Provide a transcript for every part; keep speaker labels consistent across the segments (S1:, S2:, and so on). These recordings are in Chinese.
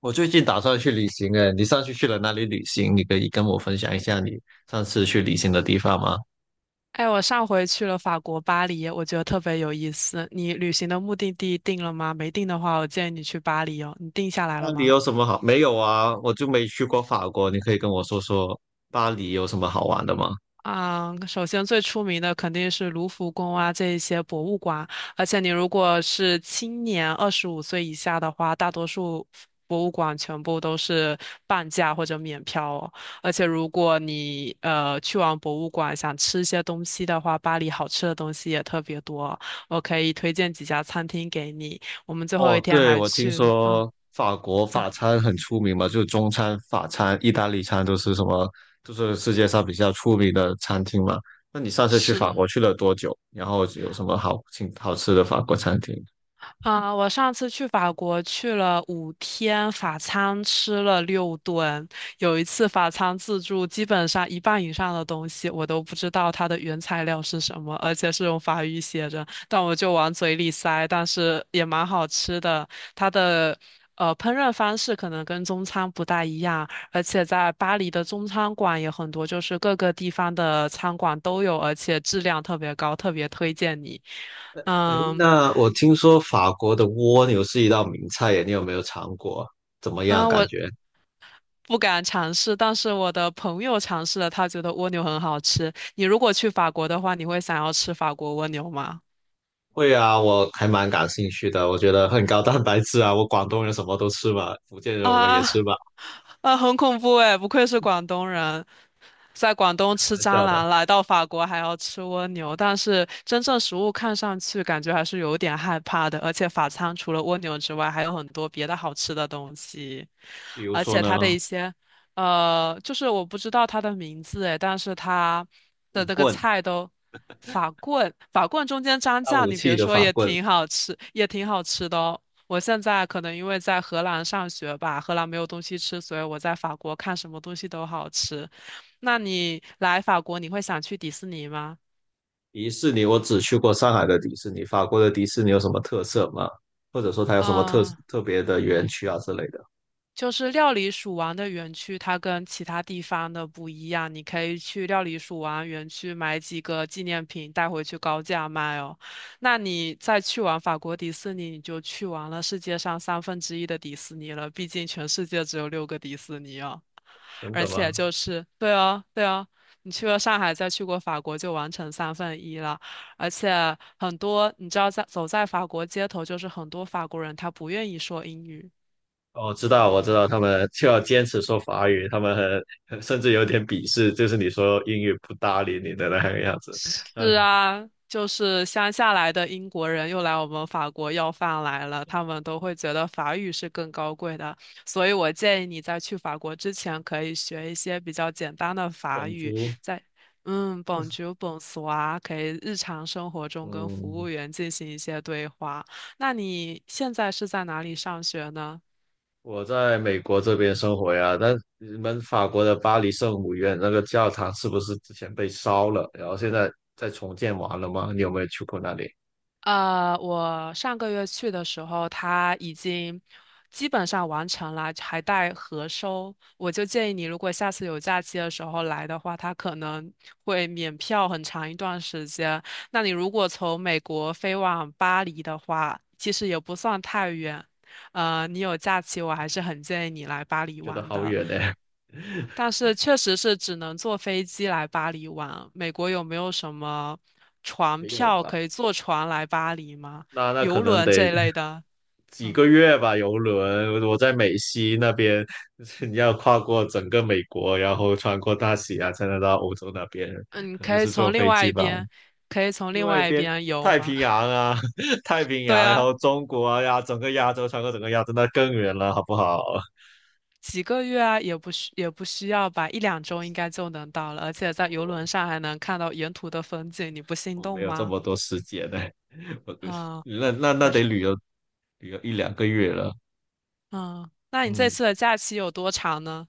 S1: 我最近打算去旅行哎，你上次去了哪里旅行？你可以跟我分享一下你上次去旅行的地方吗？
S2: 哎，我上回去了法国巴黎，我觉得特别有意思。你旅行的目的地定了吗？没定的话，我建议你去巴黎哦。你定下来了
S1: 那里
S2: 吗？
S1: 有什么好？没有啊，我就没去过法国，你可以跟我说说巴黎有什么好玩的吗？
S2: 啊，首先最出名的肯定是卢浮宫啊，这一些博物馆。而且你如果是青年25岁以下的话，大多数博物馆全部都是半价或者免票哦。而且如果你去完博物馆想吃一些东西的话，巴黎好吃的东西也特别多，我可以推荐几家餐厅给你。我们最后一
S1: 哦，
S2: 天
S1: 对，
S2: 还
S1: 我听
S2: 去了，
S1: 说法国
S2: 嗯，
S1: 法餐很出名嘛，就中餐、法餐、意大利餐都是什么，都是世界上比较出名的餐厅嘛。那你上次去法
S2: 是。
S1: 国去了多久？然后有什么好请好吃的法国餐厅？
S2: 我上次去法国去了五天，法餐吃了6顿。有一次法餐自助，基本上一半以上的东西我都不知道它的原材料是什么，而且是用法语写着，但我就往嘴里塞，但是也蛮好吃的。它的烹饪方式可能跟中餐不大一样，而且在巴黎的中餐馆也很多，就是各个地方的餐馆都有，而且质量特别高，特别推荐你。
S1: 哎，
S2: 嗯。
S1: 那我听说法国的蜗牛是一道名菜耶，你有没有尝过？怎么
S2: 嗯，
S1: 样感
S2: 我
S1: 觉？
S2: 不敢尝试，但是我的朋友尝试了，他觉得蜗牛很好吃。你如果去法国的话，你会想要吃法国蜗牛吗？
S1: 会啊，我还蛮感兴趣的，我觉得很高蛋白质啊。我广东人什么都吃嘛，福建人我们也
S2: 啊
S1: 吃嘛，
S2: 啊，很恐怖哎！不愧是广东人，在广
S1: 开
S2: 东吃
S1: 玩
S2: 蟑
S1: 笑的。
S2: 螂，来到法国还要吃蜗牛。但是真正食物看上去感觉还是有点害怕的，而且法餐除了蜗牛之外，还有很多别的好吃的东西，
S1: 比如
S2: 而
S1: 说
S2: 且
S1: 呢，
S2: 它的一些就是我不知道它的名字哎，但是它的
S1: 法
S2: 那个
S1: 棍，
S2: 菜都。法棍，法棍中间蘸
S1: 当
S2: 酱，
S1: 武
S2: 你
S1: 器
S2: 别
S1: 的
S2: 说
S1: 法
S2: 也
S1: 棍。
S2: 挺好吃，也挺好吃的哦。我现在可能因为在荷兰上学吧，荷兰没有东西吃，所以我在法国看什么东西都好吃。那你来法国，你会想去迪士尼吗？
S1: 迪士尼我只去过上海的迪士尼，法国的迪士尼有什么特色吗？或者说它有什么特
S2: 嗯，
S1: 特别的园区啊之类的？
S2: 就是料理鼠王的园区，它跟其他地方的不一样。你可以去料理鼠王园区买几个纪念品带回去高价卖哦。那你再去完法国迪士尼，你就去完了世界上三分之一的迪士尼了。毕竟全世界只有6个迪士尼哦。
S1: 真
S2: 而
S1: 的吗？
S2: 且就是，对啊，对啊，你去过上海，再去过法国，就完成三分一了。而且很多，你知道在，走在法国街头，就是很多法国人他不愿意说英语，
S1: 我知道，我知道，他们就要坚持说法语，他们很甚至有点鄙视，就是你说英语不搭理你的那个样子。嗯，
S2: 是啊，就是乡下来的英国人又来我们法国要饭来了，他们都会觉得法语是更高贵的，所以我建议你在去法国之前可以学一些比较简单的法
S1: 广
S2: 语，
S1: 州，
S2: 在嗯，bonjour、bonsoir，可以日常生活中跟服
S1: 嗯，
S2: 务员进行一些对话。那你现在是在哪里上学呢？
S1: 我在美国这边生活呀，那你们法国的巴黎圣母院那个教堂是不是之前被烧了，然后现在在重建完了吗？你有没有去过那里？
S2: 呃，我上个月去的时候，它已经基本上完成了，还带核收。我就建议你，如果下次有假期的时候来的话，它可能会免票很长一段时间。那你如果从美国飞往巴黎的话，其实也不算太远。呃，你有假期，我还是很建议你来巴黎
S1: 觉得
S2: 玩
S1: 好
S2: 的。
S1: 远呢。
S2: 但 是确实是只能坐飞机来巴黎玩。美国有没有什么船
S1: 没有
S2: 票
S1: 吧？
S2: 可以坐船来巴黎吗？
S1: 那可
S2: 游
S1: 能
S2: 轮
S1: 得
S2: 这一类的？
S1: 几
S2: 嗯
S1: 个月吧，游轮。我在美西那边，你要跨过整个美国，然后穿过大西洋才能到欧洲那边，
S2: 嗯，
S1: 肯定
S2: 可以
S1: 是坐
S2: 从另
S1: 飞
S2: 外
S1: 机
S2: 一
S1: 吧。
S2: 边，可以从
S1: 另
S2: 另
S1: 外一
S2: 外一
S1: 边
S2: 边游
S1: 太
S2: 吗？
S1: 平洋啊，太平
S2: 对
S1: 洋，然
S2: 啊，
S1: 后中国啊呀，整个亚洲穿过整个亚洲，那更远了，好不好？
S2: 几个月啊，也不需要吧，一两周应该就能到了。而且在游
S1: 我
S2: 轮上还能看到沿途的风景，你不心
S1: 我没
S2: 动
S1: 有这
S2: 吗？
S1: 么多时间呢、我对，
S2: 啊、
S1: 那
S2: 还
S1: 得
S2: 是
S1: 旅游一两个月了，
S2: 嗯，那你这
S1: 嗯
S2: 次的假期有多长呢？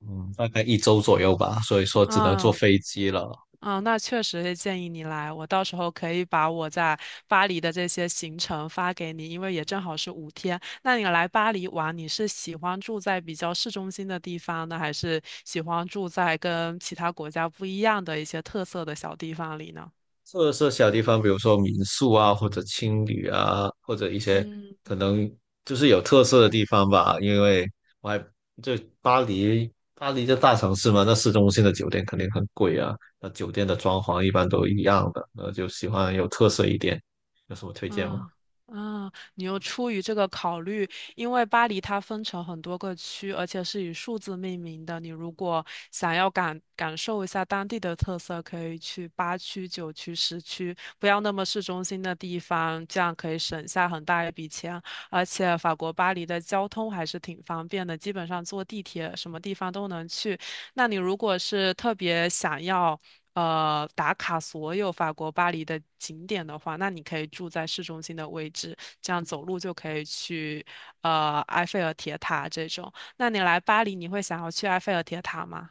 S1: 嗯，大概1周左右吧，所以说只能坐
S2: 啊、
S1: 飞机了。
S2: 啊，那确实是建议你来，我到时候可以把我在巴黎的这些行程发给你，因为也正好是五天。那你来巴黎玩，你是喜欢住在比较市中心的地方呢，还是喜欢住在跟其他国家不一样的一些特色的小地方里呢？
S1: 特色小地方，比如说民宿啊，或者青旅啊，或者一些
S2: 嗯。
S1: 可能就是有特色的地方吧。因为我还就巴黎这大城市嘛，那市中心的酒店肯定很贵啊。那酒店的装潢一般都一样的，那就喜欢有特色一点。有什么推荐吗？
S2: 嗯，你又出于这个考虑，因为巴黎它分成很多个区，而且是以数字命名的。你如果想要感受一下当地的特色，可以去8区、9区、10区，不要那么市中心的地方，这样可以省下很大一笔钱。而且法国巴黎的交通还是挺方便的，基本上坐地铁什么地方都能去。那你如果是特别想要。打卡所有法国巴黎的景点的话，那你可以住在市中心的位置，这样走路就可以去埃菲尔铁塔这种。那你来巴黎，你会想要去埃菲尔铁塔吗？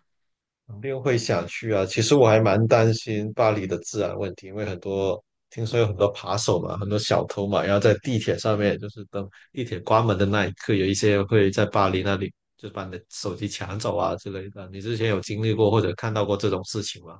S1: 肯定会想去啊。其实我还蛮担心巴黎的治安问题，因为很多听说有很多扒手嘛，很多小偷嘛，然后在地铁上面，就是等地铁关门的那一刻，有一些会在巴黎那里就把你的手机抢走啊之类的。你之前有经历过或者看到过这种事情吗？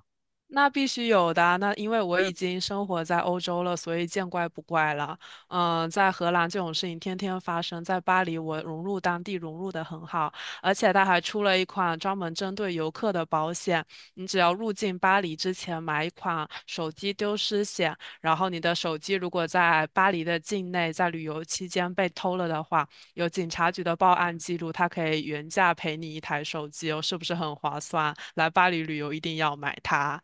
S2: 那必须有的啊那因为我已经生活在欧洲了，所以见怪不怪了。嗯，在荷兰这种事情天天发生，在巴黎我融入当地融入的很好，而且他还出了一款专门针对游客的保险，你只要入境巴黎之前买一款手机丢失险，然后你的手机如果在巴黎的境内在旅游期间被偷了的话，有警察局的报案记录，他可以原价赔你一台手机哦，是不是很划算？来巴黎旅游一定要买它。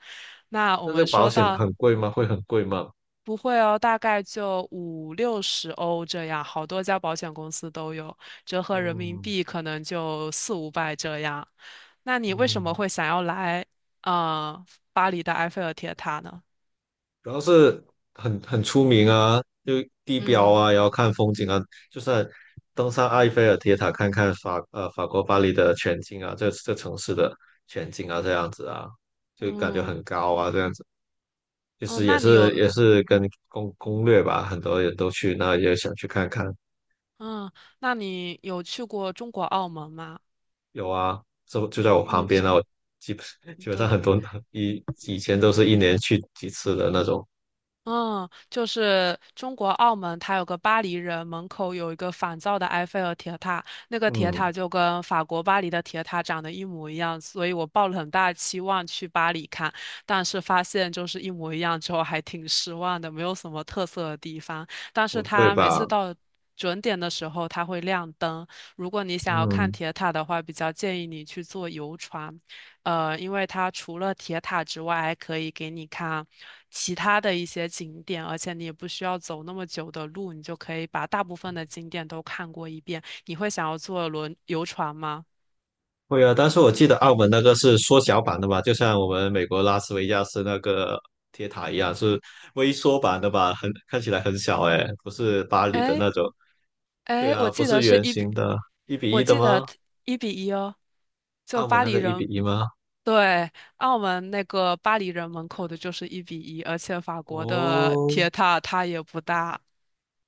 S2: 那我
S1: 那这个
S2: 们
S1: 保
S2: 说
S1: 险
S2: 到
S1: 很贵吗？会很贵吗？
S2: 不会哦，大概就50-60欧这样，好多家保险公司都有，折合人民
S1: 嗯
S2: 币可能就400-500这样。那你为什么
S1: 嗯。
S2: 会想要来呃巴黎的埃菲尔铁塔呢？
S1: 主要是很出名啊，就地标
S2: 嗯
S1: 啊，然后看风景啊，就算登上埃菲尔铁塔看法国巴黎的全景啊，这城市的全景啊，这样子啊，就感觉
S2: 嗯
S1: 很高啊，这样子，就是
S2: 嗯，
S1: 也
S2: 那你有
S1: 是也是跟攻略吧，很多人都去那也想去看看，
S2: 嗯，那你有去过中国澳门吗？
S1: 有啊，就在我旁
S2: 嗯，
S1: 边啊，我基本 基本上
S2: 对，
S1: 很多以前都是1年去几次的那种，
S2: 嗯，就是中国澳门，它有个巴黎人，门口有一个仿造的埃菲尔铁塔，那个铁
S1: 嗯，
S2: 塔就跟法国巴黎的铁塔长得一模一样，所以我抱了很大的期望去巴黎看，但是发现就是一模一样之后，还挺失望的，没有什么特色的地方。但
S1: 不
S2: 是
S1: 对
S2: 它每
S1: 吧？
S2: 次到准点的时候，它会亮灯，如果你想要看
S1: 嗯。
S2: 铁塔的话，比较建议你去坐游船。呃，因为它除了铁塔之外，还可以给你看其他的一些景点，而且你也不需要走那么久的路，你就可以把大部分的景点都看过一遍。你会想要坐轮游船吗？
S1: 会啊，但是我记得澳门那个是缩小版的吧，就像我们美国拉斯维加斯那个铁塔一样，是微缩版的吧？很看起来很小哎，不是巴黎的
S2: 哎
S1: 那种。对
S2: 哎，
S1: 啊，
S2: 我
S1: 不
S2: 记
S1: 是
S2: 得是
S1: 圆
S2: 一比，
S1: 形的，一比
S2: 我
S1: 一的
S2: 记
S1: 吗？
S2: 得一比一哦，就
S1: 澳门
S2: 巴
S1: 那
S2: 黎
S1: 个一比
S2: 人。
S1: 一吗？
S2: 对，澳门那个巴黎人门口的就是一比一，而且法国的
S1: 哦
S2: 铁塔它也不大，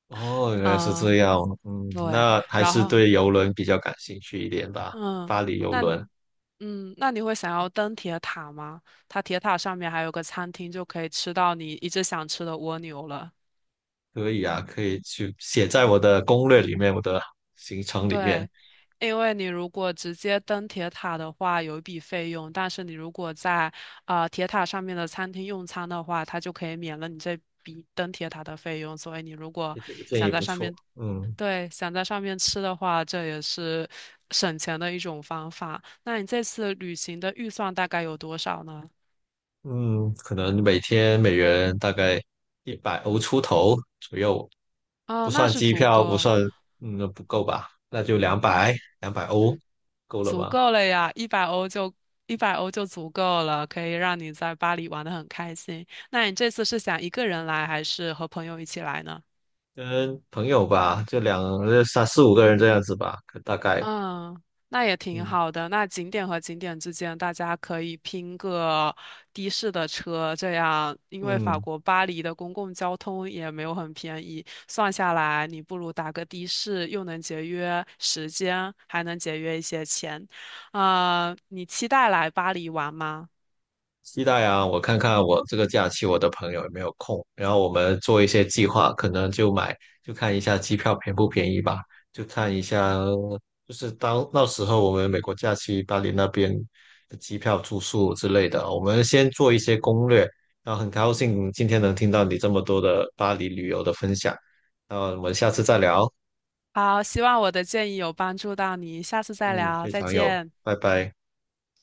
S1: 哦，原来是这
S2: 嗯，
S1: 样。嗯，
S2: 对，
S1: 那还
S2: 然
S1: 是
S2: 后。
S1: 对游轮比较感兴趣一点吧。
S2: 嗯，
S1: 巴黎游
S2: 那
S1: 轮
S2: 你嗯，那你会想要登铁塔吗？它铁塔上面还有个餐厅，就可以吃到你一直想吃的蜗牛了。
S1: 可以啊，可以去写在我的攻略里面，我的行程里面。
S2: 对，因为你如果直接登铁塔的话，有一笔费用，但是你如果在铁塔上面的餐厅用餐的话，它就可以免了你这笔登铁塔的费用。所以你如果
S1: 你这个建
S2: 想
S1: 议
S2: 在
S1: 不
S2: 上
S1: 错。
S2: 面，
S1: 嗯。
S2: 对，想在上面吃的话，这也是省钱的一种方法。那你这次旅行的预算大概有多少呢？
S1: 嗯，可能每天每人大概100欧出头左右，
S2: 哦，
S1: 不
S2: 那
S1: 算
S2: 是
S1: 机
S2: 足
S1: 票，不
S2: 够，
S1: 算，嗯，不够吧？那就两百，200欧够了
S2: 足
S1: 吧？
S2: 够了呀，一百欧就足够了，可以让你在巴黎玩得很开心。那你这次是想一个人来，还是和朋友一起来呢？
S1: 跟朋友吧，就两，呃三四五个人这样子吧，可大概，
S2: 嗯，那也挺
S1: 嗯
S2: 好的。那景点和景点之间，大家可以拼个的士的车，这样，因为法
S1: 嗯，
S2: 国巴黎的公共交通也没有很便宜，算下来，你不如打个的士，又能节约时间，还能节约一些钱。你期待来巴黎玩吗？
S1: 期待啊！我看看我这个假期我的朋友有没有空，然后我们做一些计划，可能就买，就看一下机票便不便宜吧，就看一下，就是当那时候我们美国假期巴黎那边的机票、住宿之类的啊，我们先做一些攻略。然后很高兴今天能听到你这么多的巴黎旅游的分享，那我们下次再聊。
S2: 好，希望我的建议有帮助到你，下次再
S1: 嗯，
S2: 聊，
S1: 非
S2: 再
S1: 常有，
S2: 见。
S1: 拜拜。